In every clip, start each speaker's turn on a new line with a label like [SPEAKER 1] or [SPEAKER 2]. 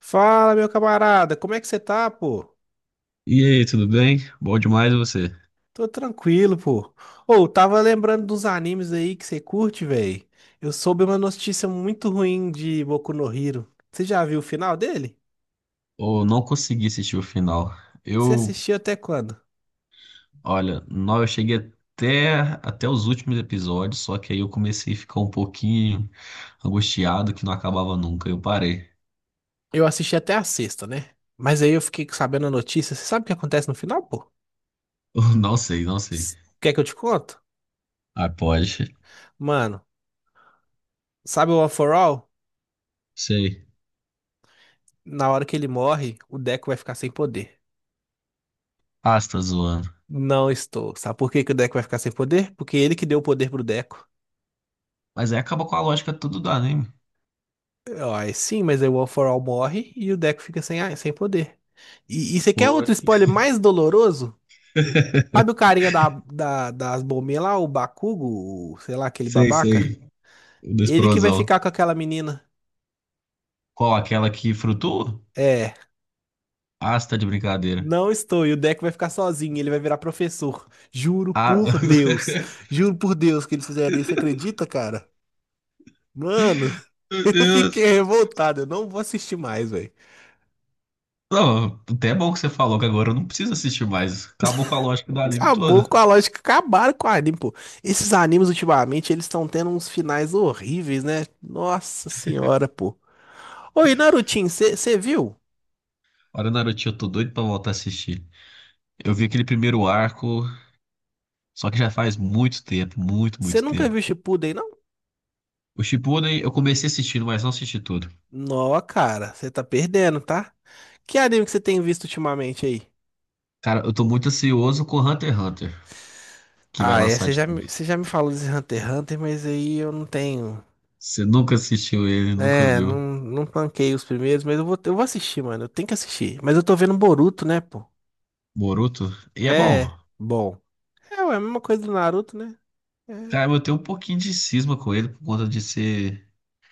[SPEAKER 1] Fala, meu camarada, como é que você tá, pô?
[SPEAKER 2] E aí, tudo bem? Bom demais você?
[SPEAKER 1] Tô tranquilo, pô. Ô, tava lembrando dos animes aí que você curte, velho. Eu soube uma notícia muito ruim de Boku no Hero. Você já viu o final dele?
[SPEAKER 2] Ou não consegui assistir o final.
[SPEAKER 1] Você
[SPEAKER 2] Eu,
[SPEAKER 1] assistiu até quando?
[SPEAKER 2] olha, não, eu cheguei até, até os últimos episódios, só que aí eu comecei a ficar um pouquinho angustiado que não acabava nunca. Eu parei.
[SPEAKER 1] Eu assisti até a sexta, né? Mas aí eu fiquei sabendo a notícia. Você sabe o que acontece no final, pô?
[SPEAKER 2] Eu Não sei, não sei.
[SPEAKER 1] Quer que eu te conto?
[SPEAKER 2] Ah, pode.
[SPEAKER 1] Mano, sabe o One For All?
[SPEAKER 2] Sei.
[SPEAKER 1] Na hora que ele morre, o Deco vai ficar sem poder.
[SPEAKER 2] Ah, você tá zoando.
[SPEAKER 1] Não estou. Sabe por que que o Deco vai ficar sem poder? Porque ele que deu o poder pro Deco.
[SPEAKER 2] Mas aí acaba com a lógica tudo do anime.
[SPEAKER 1] Ó, é sim, mas aí o All for All morre e o Deco fica sem, sem poder. E você quer outro
[SPEAKER 2] Poxa.
[SPEAKER 1] spoiler mais doloroso? Sabe o carinha das bombinhas lá, o Bakugo, sei lá, aquele
[SPEAKER 2] Sei,
[SPEAKER 1] babaca?
[SPEAKER 2] sei. O da
[SPEAKER 1] Ele que vai
[SPEAKER 2] explosão.
[SPEAKER 1] ficar com aquela menina.
[SPEAKER 2] Qual? Aquela que frutua?
[SPEAKER 1] É,
[SPEAKER 2] Ah, você tá de brincadeira.
[SPEAKER 1] não estou. E o Deco vai ficar sozinho, ele vai virar professor. Juro
[SPEAKER 2] Ah,
[SPEAKER 1] por Deus. Juro por Deus que eles fizeram isso, você acredita, cara? Mano,
[SPEAKER 2] Meu
[SPEAKER 1] eu
[SPEAKER 2] Deus.
[SPEAKER 1] fiquei revoltado, eu não vou assistir mais, velho.
[SPEAKER 2] Não, até é bom que você falou que agora eu não preciso assistir mais. Acabou com a lógica do anime
[SPEAKER 1] Acabou com
[SPEAKER 2] todo.
[SPEAKER 1] a lógica, acabaram com o anime, pô. Esses animes ultimamente, eles estão tendo uns finais horríveis, né? Nossa senhora, pô. Oi, Narutinho, você viu?
[SPEAKER 2] Olha, Naruto, eu tô doido pra voltar a assistir. Eu vi aquele primeiro arco, só que já faz muito tempo, muito,
[SPEAKER 1] Você
[SPEAKER 2] muito
[SPEAKER 1] nunca
[SPEAKER 2] tempo.
[SPEAKER 1] viu Shippuden, não?
[SPEAKER 2] O Shippuden eu comecei assistindo, mas não assisti tudo.
[SPEAKER 1] Nó, cara, você tá perdendo, tá? Que anime que você tem visto ultimamente aí?
[SPEAKER 2] Cara, eu tô muito ansioso com Hunter x Hunter, que vai
[SPEAKER 1] Ah, é,
[SPEAKER 2] lançar
[SPEAKER 1] você
[SPEAKER 2] de
[SPEAKER 1] já,
[SPEAKER 2] novo.
[SPEAKER 1] você já me falou desse Hunter x Hunter, mas aí eu não tenho.
[SPEAKER 2] Você nunca assistiu ele, nunca
[SPEAKER 1] É, não,
[SPEAKER 2] viu.
[SPEAKER 1] não tanquei os primeiros, mas eu vou assistir, mano. Eu tenho que assistir. Mas eu tô vendo Boruto, né, pô?
[SPEAKER 2] Boruto, e é
[SPEAKER 1] É,
[SPEAKER 2] bom.
[SPEAKER 1] bom. É, ué, a mesma coisa do Naruto, né? É.
[SPEAKER 2] Cara, eu tenho um pouquinho de cisma com ele por conta de ser,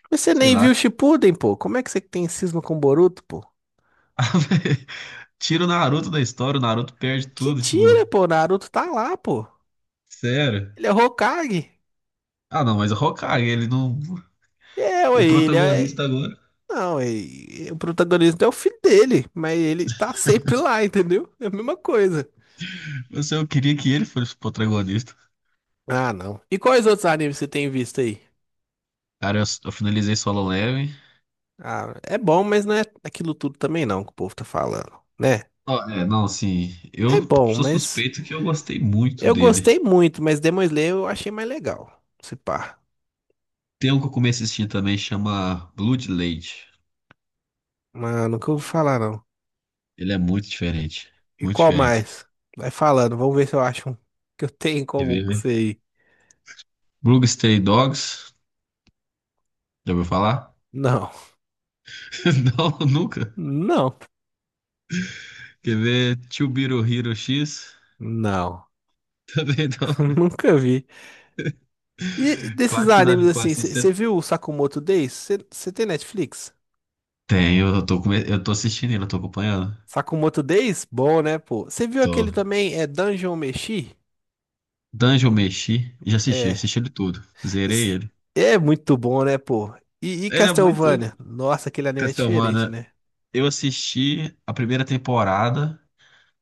[SPEAKER 1] Mas você
[SPEAKER 2] sei
[SPEAKER 1] nem viu
[SPEAKER 2] lá.
[SPEAKER 1] o Shippuden, pô. Como é que você tem cisma com o Boruto, pô?
[SPEAKER 2] Tira o Naruto da história, o Naruto perde
[SPEAKER 1] Que
[SPEAKER 2] tudo,
[SPEAKER 1] tira,
[SPEAKER 2] tipo,
[SPEAKER 1] pô. O Naruto tá lá, pô.
[SPEAKER 2] sério.
[SPEAKER 1] Ele é Hokage.
[SPEAKER 2] Ah, não, mas o Hokage, ele não.
[SPEAKER 1] É, ué,
[SPEAKER 2] O
[SPEAKER 1] ele é...
[SPEAKER 2] protagonista agora.
[SPEAKER 1] Não, o protagonista é o filho dele, mas ele tá sempre lá, entendeu? É a mesma coisa.
[SPEAKER 2] Mas eu queria que ele fosse o protagonista.
[SPEAKER 1] Ah, não. E quais outros animes você tem visto aí?
[SPEAKER 2] Cara, eu finalizei Solo Leveling.
[SPEAKER 1] Ah, é bom, mas não é aquilo tudo também não que o povo tá falando, né?
[SPEAKER 2] Ó, é, não, assim, eu
[SPEAKER 1] É bom,
[SPEAKER 2] sou
[SPEAKER 1] mas
[SPEAKER 2] suspeito que eu gostei muito
[SPEAKER 1] eu
[SPEAKER 2] dele.
[SPEAKER 1] gostei muito, mas Demon Slayer eu achei mais legal. Se pá.
[SPEAKER 2] Tem um que eu comecei a assistir também, chama Bloodlade.
[SPEAKER 1] Mano, nunca ouvi falar não.
[SPEAKER 2] Ele é muito diferente.
[SPEAKER 1] E
[SPEAKER 2] Muito
[SPEAKER 1] qual
[SPEAKER 2] diferente.
[SPEAKER 1] mais? Vai falando, vamos ver se eu acho um que eu tenho
[SPEAKER 2] Quer
[SPEAKER 1] como
[SPEAKER 2] ver?
[SPEAKER 1] que
[SPEAKER 2] ver?
[SPEAKER 1] sei.
[SPEAKER 2] Blue Stray Dogs. Já ouviu falar?
[SPEAKER 1] Não,
[SPEAKER 2] Não, nunca.
[SPEAKER 1] não,
[SPEAKER 2] Quer ver? Chubiro Hero X.
[SPEAKER 1] não.
[SPEAKER 2] Também não.
[SPEAKER 1] Nunca vi. E desses
[SPEAKER 2] Quase que os
[SPEAKER 1] animes
[SPEAKER 2] amigos
[SPEAKER 1] assim,
[SPEAKER 2] assistem.
[SPEAKER 1] você viu o Sakamoto Days? Você tem Netflix?
[SPEAKER 2] Tem, eu tô assistindo ele, eu tô acompanhando.
[SPEAKER 1] Sakamoto Days? Bom, né, pô? Você viu
[SPEAKER 2] Tô.
[SPEAKER 1] aquele também, é Dungeon Meshi?
[SPEAKER 2] Dungeon Meshi, já assisti,
[SPEAKER 1] É.
[SPEAKER 2] assisti ele tudo. Zerei
[SPEAKER 1] Isso
[SPEAKER 2] ele.
[SPEAKER 1] é muito bom, né, pô? E
[SPEAKER 2] Ele é muito
[SPEAKER 1] Castlevania? Nossa, aquele anime é diferente,
[SPEAKER 2] Castlevania.
[SPEAKER 1] né?
[SPEAKER 2] Eu assisti a primeira temporada,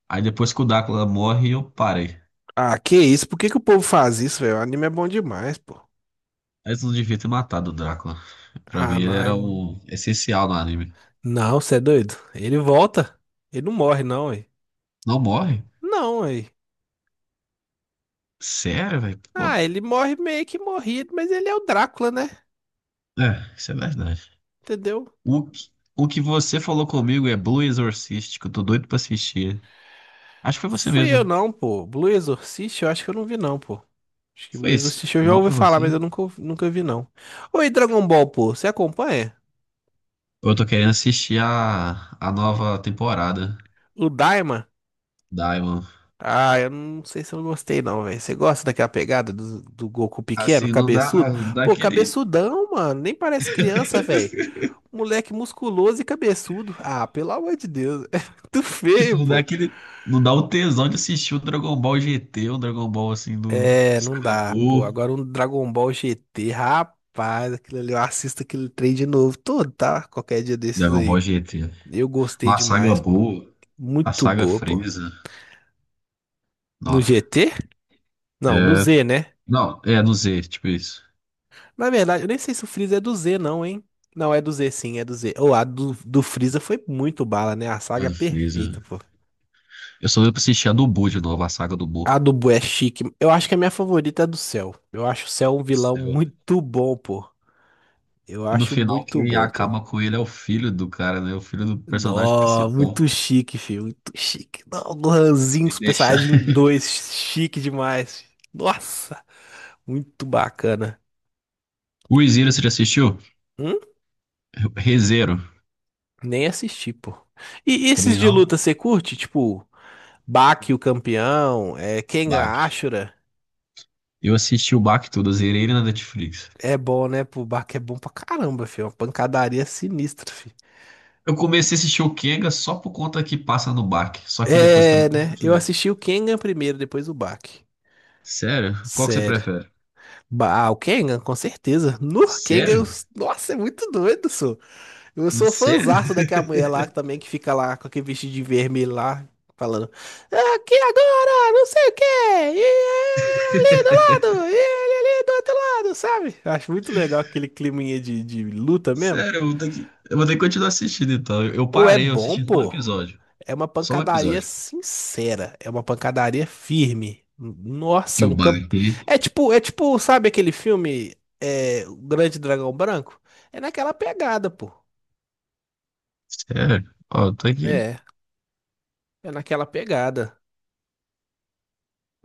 [SPEAKER 2] aí depois que o Drácula morre, eu parei.
[SPEAKER 1] Ah, que isso? Por que que o povo faz isso, velho? O anime é bom demais, pô.
[SPEAKER 2] Eles não devia ter matado o Drácula. Pra mim,
[SPEAKER 1] Ah,
[SPEAKER 2] ele
[SPEAKER 1] não, é
[SPEAKER 2] era o essencial no anime.
[SPEAKER 1] Não, você é doido. Ele volta. Ele não morre, não, aí.
[SPEAKER 2] Não morre?
[SPEAKER 1] Não, aí.
[SPEAKER 2] Sério, velho? Pô.
[SPEAKER 1] Ah, ele morre meio que morrido, mas ele é o Drácula, né?
[SPEAKER 2] É, isso é verdade.
[SPEAKER 1] Entendeu?
[SPEAKER 2] O que você falou comigo é Blue Exorcist, que eu tô doido pra assistir. Acho que foi você
[SPEAKER 1] Fui
[SPEAKER 2] mesmo,
[SPEAKER 1] eu
[SPEAKER 2] né?
[SPEAKER 1] não, pô. Blue Exorcist, eu acho que eu não vi, não, pô. Acho que
[SPEAKER 2] Foi
[SPEAKER 1] Blue
[SPEAKER 2] isso.
[SPEAKER 1] Exorcist eu já
[SPEAKER 2] Não
[SPEAKER 1] ouvi
[SPEAKER 2] foi
[SPEAKER 1] falar, mas
[SPEAKER 2] você?
[SPEAKER 1] eu nunca, nunca vi, não. Oi, Dragon Ball, pô. Você acompanha?
[SPEAKER 2] Eu tô querendo assistir a nova temporada
[SPEAKER 1] O Daima?
[SPEAKER 2] da Diamond.
[SPEAKER 1] Ah, eu não sei se eu gostei, não, velho. Você gosta daquela pegada do Goku pequeno,
[SPEAKER 2] Assim, não dá,
[SPEAKER 1] cabeçudo?
[SPEAKER 2] não dá
[SPEAKER 1] Pô,
[SPEAKER 2] aquele.
[SPEAKER 1] cabeçudão, mano. Nem parece criança, velho. Moleque musculoso e cabeçudo. Ah, pelo amor de Deus. É muito
[SPEAKER 2] Tipo,
[SPEAKER 1] feio,
[SPEAKER 2] não dá
[SPEAKER 1] pô.
[SPEAKER 2] aquele. Não dá o tesão de assistir o Dragon Ball GT, o Dragon Ball assim do.
[SPEAKER 1] É, não
[SPEAKER 2] Saga
[SPEAKER 1] dá, pô.
[SPEAKER 2] Buu.
[SPEAKER 1] Agora um Dragon Ball GT, rapaz, aquilo ali, eu assisto aquele trem de novo. Todo, tá? Qualquer dia desses
[SPEAKER 2] Dragon
[SPEAKER 1] aí.
[SPEAKER 2] Ball GT.
[SPEAKER 1] Eu gostei
[SPEAKER 2] Na saga
[SPEAKER 1] demais, pô.
[SPEAKER 2] Buu, a
[SPEAKER 1] Muito
[SPEAKER 2] saga
[SPEAKER 1] boa, pô.
[SPEAKER 2] Freeza.
[SPEAKER 1] No
[SPEAKER 2] Não,
[SPEAKER 1] GT? Não, no
[SPEAKER 2] é,
[SPEAKER 1] Z, né?
[SPEAKER 2] não, é no Z, tipo isso.
[SPEAKER 1] Na verdade, eu nem sei se o Freeza é do Z, não, hein? Não, é do Z, sim, é do Z. Ou a do Freeza foi muito bala, né? A
[SPEAKER 2] É
[SPEAKER 1] saga é
[SPEAKER 2] do
[SPEAKER 1] perfeita,
[SPEAKER 2] Freeza.
[SPEAKER 1] pô.
[SPEAKER 2] Eu só deu pra assistir a do Buu de novo, a saga do Buu.
[SPEAKER 1] A do Boo é chique. Eu acho que é a minha favorita é a do Cell. Eu acho o Cell um vilão
[SPEAKER 2] Céu.
[SPEAKER 1] muito bom, pô. Eu
[SPEAKER 2] E no
[SPEAKER 1] acho
[SPEAKER 2] final,
[SPEAKER 1] muito
[SPEAKER 2] quem
[SPEAKER 1] bom, pô.
[SPEAKER 2] acaba com ele é o filho do cara, né? O filho do personagem
[SPEAKER 1] Nó, muito
[SPEAKER 2] principal.
[SPEAKER 1] chique, filho. Muito chique. Não, Gohanzinho,
[SPEAKER 2] E
[SPEAKER 1] Super
[SPEAKER 2] deixa.
[SPEAKER 1] Saiyajin 2, chique demais. Nossa, muito bacana.
[SPEAKER 2] O Zero, você já assistiu?
[SPEAKER 1] Hum?
[SPEAKER 2] Rezero.
[SPEAKER 1] Nem assisti, pô. E esses
[SPEAKER 2] Também
[SPEAKER 1] de luta
[SPEAKER 2] não?
[SPEAKER 1] você curte? Tipo, Baki, o campeão, é, Kengan
[SPEAKER 2] Bach.
[SPEAKER 1] Ashura.
[SPEAKER 2] Eu assisti o Bach todo, eu zerei ele na Netflix.
[SPEAKER 1] É bom, né? Pô, Baki é bom pra caramba, filho. É uma pancadaria sinistra, filho.
[SPEAKER 2] Eu comecei a assistir o Kenga só por conta que passa no Bach. Só que depois
[SPEAKER 1] É,
[SPEAKER 2] também não
[SPEAKER 1] né? Eu
[SPEAKER 2] continuei.
[SPEAKER 1] assisti o Kengan primeiro, depois o Baki.
[SPEAKER 2] Sério? Qual que você
[SPEAKER 1] Sério.
[SPEAKER 2] prefere?
[SPEAKER 1] Ah, o Kengan, com certeza. No Kengan,
[SPEAKER 2] Sério?
[SPEAKER 1] nossa, é muito doido, sou. Eu sou
[SPEAKER 2] Sério?
[SPEAKER 1] fãzaço daquela mulher lá também que fica lá com aquele vestido de vermelho lá, falando. Aqui agora, não sei o quê. E é ali do lado, e ali do outro lado, sabe? Acho muito legal aquele climinha de luta mesmo.
[SPEAKER 2] Sério, eu vou ter que, eu vou ter que continuar assistindo então. Eu
[SPEAKER 1] Ou é
[SPEAKER 2] parei, eu
[SPEAKER 1] bom,
[SPEAKER 2] assisti só um
[SPEAKER 1] pô.
[SPEAKER 2] episódio.
[SPEAKER 1] É uma
[SPEAKER 2] Só um
[SPEAKER 1] pancadaria
[SPEAKER 2] episódio.
[SPEAKER 1] sincera, é uma pancadaria firme.
[SPEAKER 2] Que
[SPEAKER 1] Nossa,
[SPEAKER 2] o
[SPEAKER 1] um campo.
[SPEAKER 2] Bach.
[SPEAKER 1] É tipo, sabe aquele filme é, O Grande Dragão Branco? É naquela pegada, pô.
[SPEAKER 2] Sério? Ó, eu tô aqui.
[SPEAKER 1] É, é naquela pegada.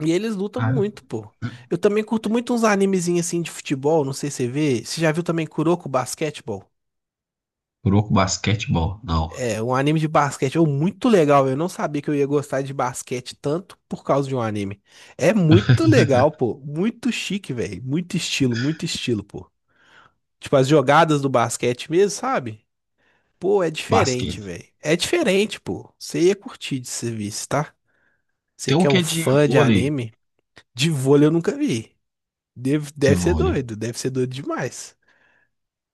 [SPEAKER 1] E eles lutam
[SPEAKER 2] Ah.
[SPEAKER 1] muito, pô. Eu também curto muito uns animezinhos assim de futebol, não sei se você vê. Você já viu também Kuroko Basketball?
[SPEAKER 2] Kuroko Basquetebol. Não.
[SPEAKER 1] É um anime de basquete, ou muito legal. Eu não sabia que eu ia gostar de basquete tanto por causa de um anime. É muito legal, pô. Muito chique, velho. Muito estilo, pô. Tipo, as jogadas do basquete mesmo, sabe? Pô, é diferente,
[SPEAKER 2] Basquete.
[SPEAKER 1] velho. É diferente, pô. Você ia curtir de serviço, tá? Você
[SPEAKER 2] Tem um
[SPEAKER 1] que é
[SPEAKER 2] que
[SPEAKER 1] um
[SPEAKER 2] é de
[SPEAKER 1] fã de
[SPEAKER 2] vôlei.
[SPEAKER 1] anime, de vôlei eu nunca vi. Deve,
[SPEAKER 2] De
[SPEAKER 1] deve ser
[SPEAKER 2] vôlei.
[SPEAKER 1] doido, deve ser doido demais.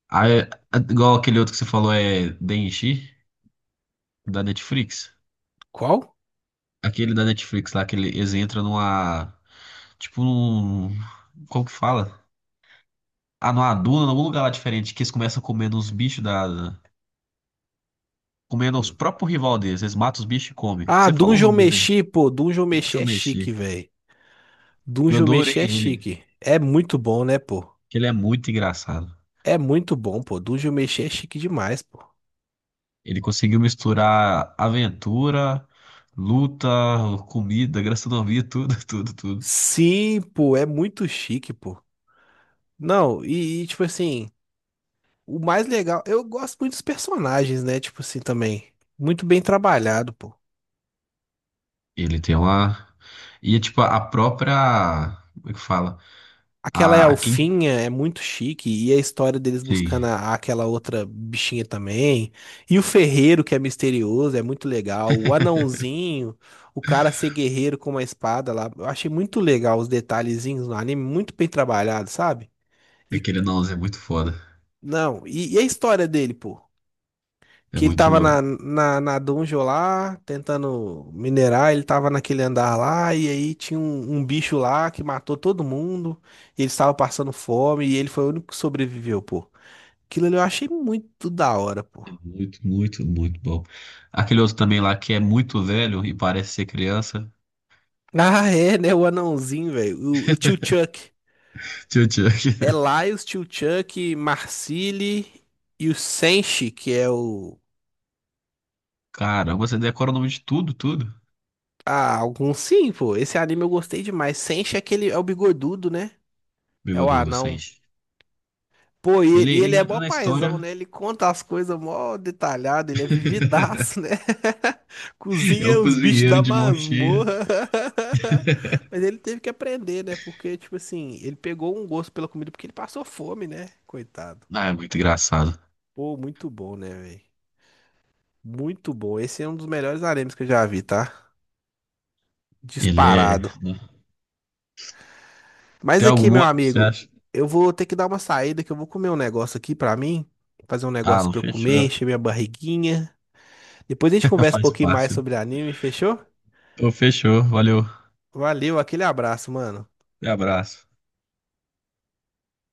[SPEAKER 2] Ah, é- a- igual aquele outro que você falou é Denji, da Netflix.
[SPEAKER 1] Qual?
[SPEAKER 2] Aquele da Netflix lá, que ele- eles entram numa. Tipo num. Como que fala? Ah, numa duna, num lugar lá diferente, que eles começam comendo os bichos Comendo os
[SPEAKER 1] Hum.
[SPEAKER 2] próprios rival deles. Eles matam os bichos e comem.
[SPEAKER 1] Ah,
[SPEAKER 2] Você falou o
[SPEAKER 1] Dungeon
[SPEAKER 2] nome dele
[SPEAKER 1] Meshi, pô. Dungeon
[SPEAKER 2] aí. Onde
[SPEAKER 1] Meshi
[SPEAKER 2] eu
[SPEAKER 1] é chique,
[SPEAKER 2] mexi.
[SPEAKER 1] velho.
[SPEAKER 2] Eu
[SPEAKER 1] Dungeon
[SPEAKER 2] adorei
[SPEAKER 1] Meshi é
[SPEAKER 2] ele.
[SPEAKER 1] chique. É muito bom, né, pô?
[SPEAKER 2] Que Ele é muito engraçado.
[SPEAKER 1] É muito bom, pô. Dungeon Meshi é chique demais, pô.
[SPEAKER 2] Ele conseguiu misturar aventura, luta, comida, gastronomia, tudo, tudo, tudo.
[SPEAKER 1] Sim, pô, é muito chique, pô. Não, e, tipo assim, o mais legal, eu gosto muito dos personagens, né? Tipo assim, também. Muito bem trabalhado, pô.
[SPEAKER 2] Ele tem uma. E é tipo a própria. Como é que fala?
[SPEAKER 1] Aquela
[SPEAKER 2] A quem.
[SPEAKER 1] elfinha é muito chique, e a história deles buscando
[SPEAKER 2] Sim.
[SPEAKER 1] aquela outra bichinha também. E o ferreiro, que é misterioso, é muito legal. O anãozinho, o cara ser guerreiro com uma espada lá. Eu achei muito legal os detalhezinhos no anime, muito bem trabalhado, sabe? E,
[SPEAKER 2] Aquele não é muito foda.
[SPEAKER 1] não, e a história dele, pô?
[SPEAKER 2] É
[SPEAKER 1] Que ele
[SPEAKER 2] muito
[SPEAKER 1] tava na,
[SPEAKER 2] louco.
[SPEAKER 1] na, na dungeon lá, tentando minerar, ele tava naquele andar lá, e aí tinha um bicho lá que matou todo mundo, e eles estavam passando fome, e ele foi o único que sobreviveu, pô. Aquilo ali eu achei muito da hora, pô.
[SPEAKER 2] É muito, muito, muito bom. Aquele outro também lá que é muito velho e parece ser criança.
[SPEAKER 1] Ah, é, né? O anãozinho, velho. O tio Chuck.
[SPEAKER 2] Tio
[SPEAKER 1] É
[SPEAKER 2] Chuck.
[SPEAKER 1] Laios, tio Chuck, Marcili e o Senshi, que é o.
[SPEAKER 2] Caramba, você decora o nome de tudo, tudo.
[SPEAKER 1] Ah, algum sim, pô. Esse anime eu gostei demais. Senshi é aquele. É o bigodudo, né? É o
[SPEAKER 2] Bigodudo,
[SPEAKER 1] anão.
[SPEAKER 2] Sente.
[SPEAKER 1] Pô, e
[SPEAKER 2] Ele,
[SPEAKER 1] ele, e ele
[SPEAKER 2] ele
[SPEAKER 1] é mó
[SPEAKER 2] entra na
[SPEAKER 1] paizão,
[SPEAKER 2] história.
[SPEAKER 1] né? Ele conta as coisas mó detalhado, ele é vividaço, né?
[SPEAKER 2] É
[SPEAKER 1] Cozinha
[SPEAKER 2] o
[SPEAKER 1] os bichos
[SPEAKER 2] cozinheiro
[SPEAKER 1] da
[SPEAKER 2] de mão cheia.
[SPEAKER 1] masmorra. Mas ele teve que aprender, né? Porque, tipo assim, ele pegou um gosto pela comida porque ele passou fome, né? Coitado.
[SPEAKER 2] Ah, é muito engraçado.
[SPEAKER 1] Pô, muito bom, né, velho? Muito bom. Esse é um dos melhores animes que eu já vi, tá?
[SPEAKER 2] Ele é.
[SPEAKER 1] Disparado.
[SPEAKER 2] Né?
[SPEAKER 1] Mas
[SPEAKER 2] Tem
[SPEAKER 1] aqui,
[SPEAKER 2] algum
[SPEAKER 1] meu
[SPEAKER 2] outro que você
[SPEAKER 1] amigo,
[SPEAKER 2] acha?
[SPEAKER 1] eu vou ter que dar uma saída que eu vou comer um negócio aqui pra mim. Fazer um
[SPEAKER 2] Ah,
[SPEAKER 1] negócio
[SPEAKER 2] não
[SPEAKER 1] pra eu comer,
[SPEAKER 2] fechou.
[SPEAKER 1] encher minha barriguinha. Depois a gente conversa um
[SPEAKER 2] Faz
[SPEAKER 1] pouquinho mais
[SPEAKER 2] parte.
[SPEAKER 1] sobre anime, fechou?
[SPEAKER 2] Pô, fechou. Valeu.
[SPEAKER 1] Valeu, aquele abraço, mano.
[SPEAKER 2] Um abraço.